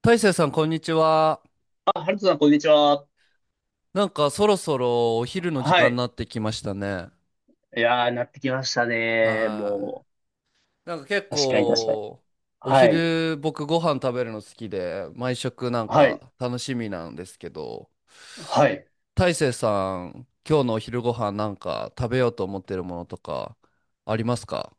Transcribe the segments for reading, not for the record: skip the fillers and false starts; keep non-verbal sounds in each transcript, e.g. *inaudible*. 大成さん、こんにちは。あ、ハルトさん、こんにちは。なんかそろそろお昼の時は間にい。なってきましたね。いやー、なってきましたね。はもい。なんか結う、確かに確かに。構、おはい。昼僕ご飯食べるの好きで、毎食なんはい。か楽しみなんですけど、はい。大成さん、今日のお昼ご飯なんか食べようと思ってるものとかありますか？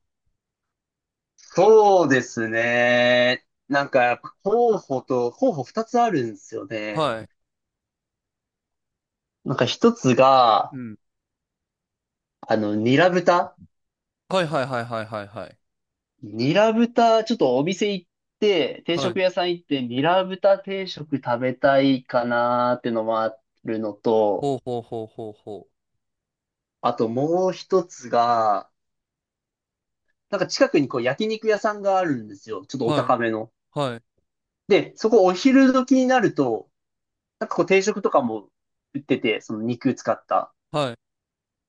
そうですね。なんか、やっぱ候補二つあるんですよね。はい。なんか一つが、うん。ニラ豚。はいはいはいはいはいはい。ニラ豚、ちょっとお店行って、定はい。食屋さん行って、ニラ豚定食食べたいかなーってのもあるのと、ほうほうほうほうほあともう一つが、なんか近くにこう焼肉屋さんがあるんですよ。ちょっとう。おはい。高めの。はい。で、そこお昼時になると、なんかこう定食とかも売ってて、その肉使った。はい。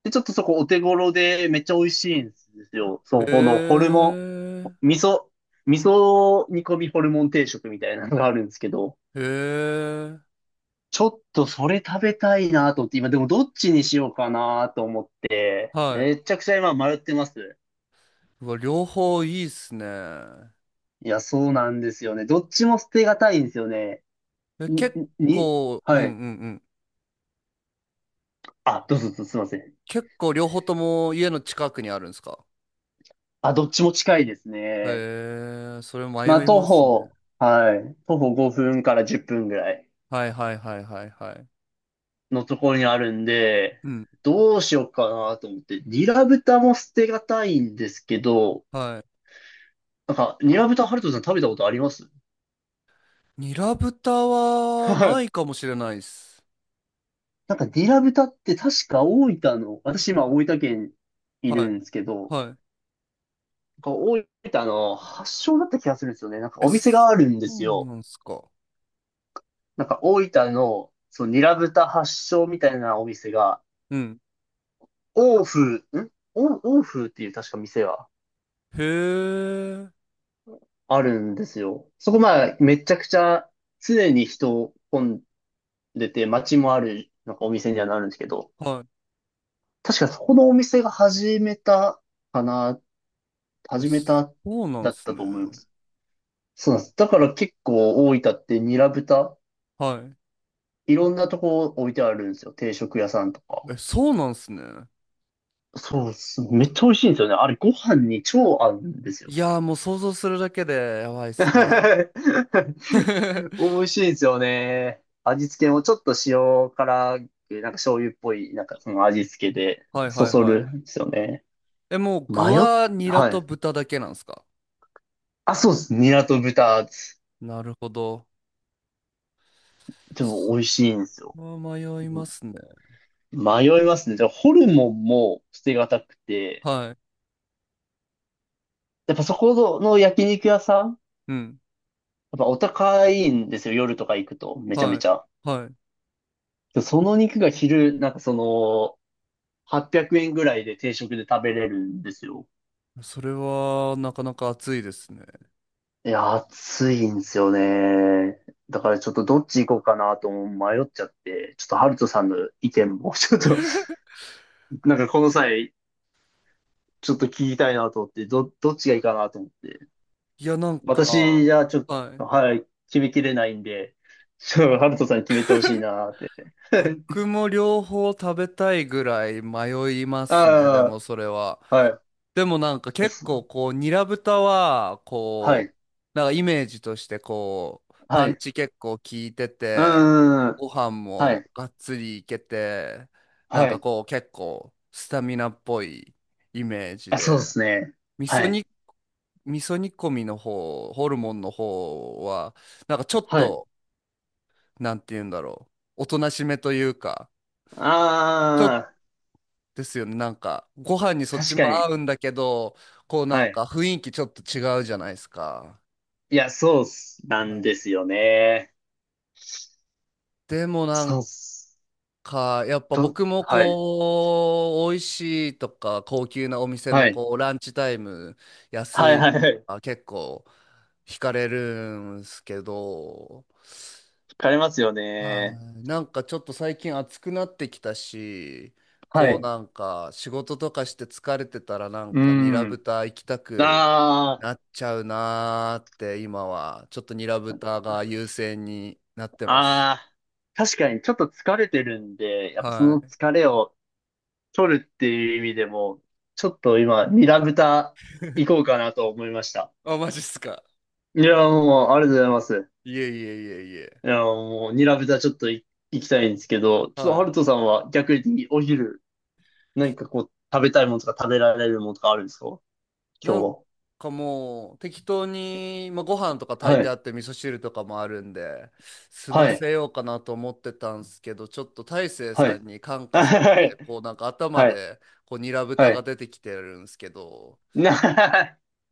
で、ちょっとそこお手頃でめっちゃ美味しいんですよ。へそこのホルモン、え。味噌煮込みホルモン定食みたいなのがあるんですけど、へえ。ちょっとそれ食べたいなと思って、今でもどっちにしようかなと思って、はい。めちゃくちゃ今迷ってます。うわ、両方いいっすね。いや、そうなんですよね。どっちも捨てがたいんですよね。え、に、結に、構、うんはうい。んうん。あ、どうぞどうぞ、すいません。結構両方とも家の近くにあるんですか？あ、どっちも近いですね。へえ、それまあ、迷い徒ますね。歩、はい。徒歩5分から10分ぐらいはいはいはいはいはい。のところにあるんで、うん。どうしようかなと思って、ニラ豚も捨てがたいんですけど、はなんか、ニラ豚、ハルトさん食べたことありますい。ニラ豚ははない。いかもしれないっす。なんか、ニラ豚って確か大分の、私今大分県いはいるんですけど、はい。なんか大分の発祥だった気がするんですよね。なんかえ、おそ店があるんですうよ。なんすか。なんか大分の、そう、ニラ豚発祥みたいなお店が、うん。欧風、ん欧欧風っていう確か店はへえ、あるんですよ。そこまあ、めちゃくちゃ常に人混んでて、街もある、なんかお店にはなるんですけど、は確かそこのお店がかな、い。え、始めそたうなんだっすたね。と思います。そうなんです。だから結構大分ってニラ豚、はいろんなとこ置いてあるんですよ。定食屋さんとか。い。え、そうなんすね。そうっす。めっちゃ美味しいんですよね。あれ、ご飯に超合うんですよ。いやーもう想像するだけでやばいっす *laughs* ね。美 *laughs* 味しいですよね。味付けもちょっと塩辛く、なんか醤油っぽい、なんかその味付けで、はいそはいそはるんですよね。い。え、もう具迷っ、はニラはとい。豚だけなんですか？あ、そうです。ニラと豚です、なるほど。でもそ美味しいんですよ。れは迷いうまん、すね。迷いますね。じゃあ、ホルモンも捨てがたくて、はい。やっぱそこの焼肉屋さん、やうん。っぱお高いんですよ。夜とか行くと、めちゃめはい。ちゃ。はで、その肉が昼、なんかその、800円ぐらいで定食で食べれるんですよ。い。それはなかなか熱いですね。いや、暑いんですよね。だからちょっとどっち行こうかなと迷っちゃって、ちょっとハルトさんの意見も、ちょっと、*laughs* なんかこの際、ちょっと聞きたいなと思って、どっちがいいかなと思って。いや、なんか、私じゃちょっはい。と、はい、決めきれないんで、ちょっとハルトさんに決めてほしいなって。*laughs* 僕も両方食べたいぐらい迷いますね。であもそれは。あ、はい。でもなんか結構こう、ニラ豚は、はこう、い、なんかイメージとしてこう、はパい、ンうチ結構効いてーて、ん、ご飯はもい、がっつりいけて、なんはかい。こう結構スタミナっぽいイメージあ、そで、うですね。味噌はい。煮、味噌煮込みの方、ホルモンの方は、なんかちょっはい。と、なんて言うんだろう、おとなしめというか、ちょっとああ、ですよね、なんかご飯にそっち確もかに。合うんだけど、こうなはんい。か雰囲気ちょっと違うじゃないですか。いや、そうっす。なんですよね。でもなそうんっす。か、やっぱと、僕もはい。こう、美味しいとか、高級なお店のはい。こう、ランチタイム、安はいいとはいはい。か、結構、惹かれるんすけど、疲れますよはね。い、なんかちょっと最近暑くなってきたし、はこうい。なんか、仕事とかして疲れてたら、なんうか、ニラん。豚行きたくあなっちゃうなーって、今は、ちょっとニラ豚が優先になってます。あ、ああ、確かにちょっと疲れてるんで、やっぱそはのい。疲れを取るっていう意味でも、ちょっと今、ニラ豚行こうかなと思いました。あ、マジっすか。いや、もう、ありがとうございます。いえいえいえいえ。いや、もう、ニラ豚ちょっと行きたいんですけど、ちょっとはハい。ルトさんは逆にお昼、何かこう、食べたいものとか食べられるものとかあるんですかな今日んは。かもう適当に、まあ、ご飯とか炊いはてい。あって味噌汁とかもあるんで、済はまい。せようかなと思ってたんですけど、ちょっと大成はさい。んに感 *laughs* 化されはて、い。こうなんか頭はい。でこうニラ豚はがい。出てきてるんですけど、な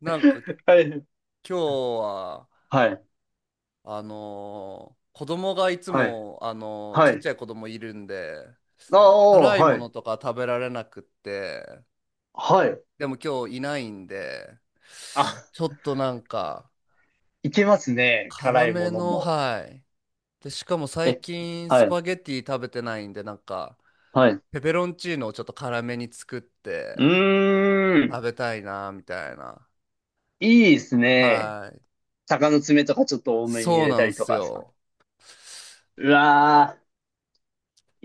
なんか今 はい。日は、はい。子供がいつはい。も、はちっい。ちゃい子供いるんで、あなんかあ、辛いはもい。のとか食べられなくって、はい。でも今日いないんで、あ、ちょっとなんか、いけますね。辛辛いもめのの、も。はい。で、しかも最え、近はスい。パゲティ食べてないんで、なんか、はい。うペペロンチーノをちょっと辛めに作ってー食ん。べたいな、みたいな。いいですね。はい。鷹の爪とかちょっと多めに入そうれなたんでりとすかさ。よ。うわー。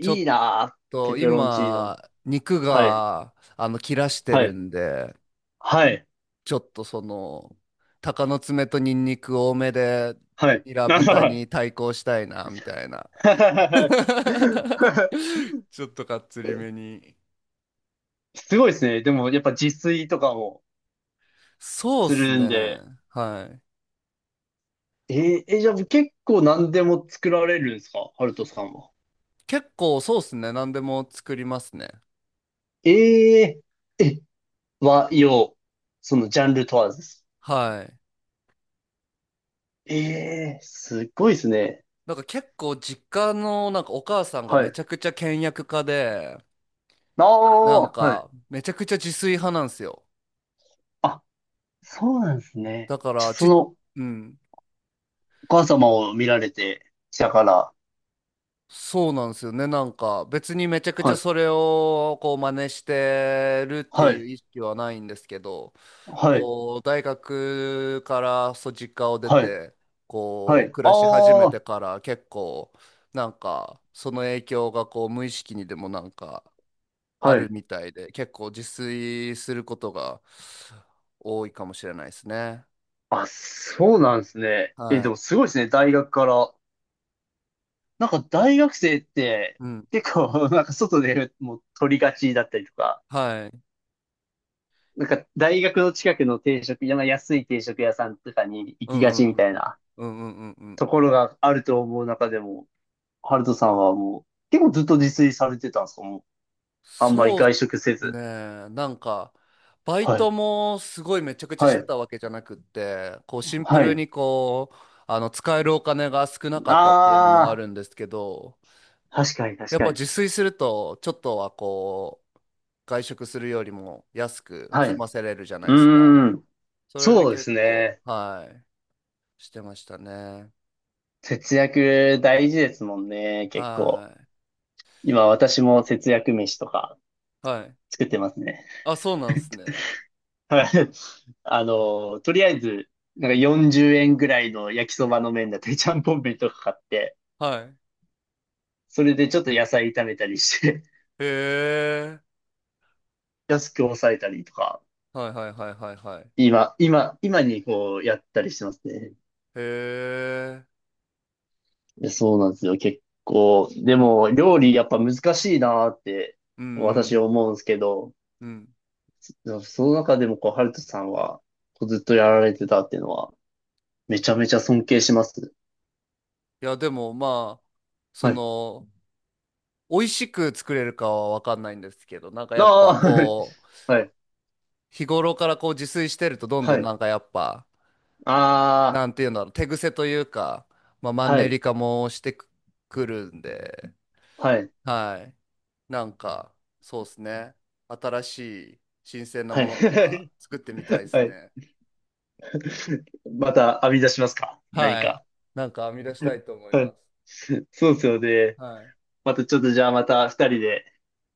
ちょいっなぁ、ペとペロンチー今、ノ。肉はい、が、切らしてはるい、んで、はい、ちょっとその、鷹の爪とニンニク多めで、はい。ニラなるほど豚はに対抗したいな、みたいな。い *laughs* *laughs* ちょっとかっつりめに。すごいですね。でも、やっぱ自炊とかもそうっすするね。んで。はい。えーえ、じゃあ結構何でも作られるんですかハルトさんは。結構そうっすね。何でも作りますね。えええ、和洋、そのジャンル問わずです。はい。ええすごいですね。なんか結構実家のなんかお母さんがはめい。ちゃくちゃ倹約家で、あなんあ、はい。かめちゃくちゃ自炊派なんですよ。あ、そうなんですね。だかじゃあ、らそち、のおうん。母様を見られてきたから。そうなんですよね。なんか別にめちゃくちはゃい。それをこう真似してるってはいうい。意識はないんですけど、はい、こう、大学からそう実家を出はい、て、はこう、い。暮らし始あめてあ、から結構、なんか、その影響がこう、無意識にでもなんか、あはるい。みたいで、結構自炊することが多いかもしれないですね。あ、そうなんですね。え、はでい。もすごいですね、大学から。なんか大学生ってうん。結構、*laughs* なんか外でもう取りがちだったりとか、はい。なんか大学の近くの定食、なんか安い定食屋さんとかに行うきがんうちんみうんたいうん。なうんうんうんうん。ところがあると思う中でも、ハルトさんはもう結構ずっと自炊されてたんですかもう、あんまりそう外食せねず。え、なんか、バイはい、トもすごいめちゃくちゃはしてい、たわけじゃなくって、こうシンプはルい。にこう、使えるお金が少なかったっていうのもああるんですけど、あ、確かに確やっかぱに。自炊すると、ちょっとはこう、外食するよりも安くはい。済うませれるじゃないですか。ーん。それでそうです結構、ね。はい、してましたね。節約大事ですもんね、結構。は今私も節約飯とかい。はい。作ってますね。あ、そうなんです *laughs* ね。はい。あの、とりあえず、なんか40円ぐらいの焼きそばの麺だったり、ちゃんぽん麺とか買って、はい。それでちょっと野菜炒めたりして、へえ。*laughs* 安く抑えたりとか、はいはいはいはいはい。へ今にこうやったりしてますね。え。いやそうなんですよ、結構。でも、料理やっぱ難しいなーって、うんう私ん思うんですけど、うんうん。でもその中でも、こう、ハルトさんは、こうずっとやられてたっていうのは、めちゃめちゃ尊敬します。いや、でもまあ、そはい。の、美味しく作れるかはわかんないんですけど、なんかあやっあ、ぱはい、こう、はい。日頃からこう自炊してるとどんはどんないんかやっぱ、あなんていうんだろう、手癖というか、まあマあ、ンはネい、リ化もしてく、くるんで、はい、はい。なんか、そうですね。新しい新鮮なはものとかい。作ってみたいで *laughs* すはい。ね。また編み出しますか何はい。か。なんか編み出したいと思いはまい。す。*laughs* そうですよね。はい。またちょっとじゃあまた二人で、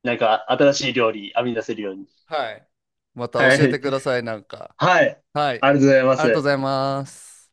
なんか新しい料理編み出せるように。はい。または教えてい。ください、なんか。はい。はい。ありがとうございまありがとうごす。ざいます。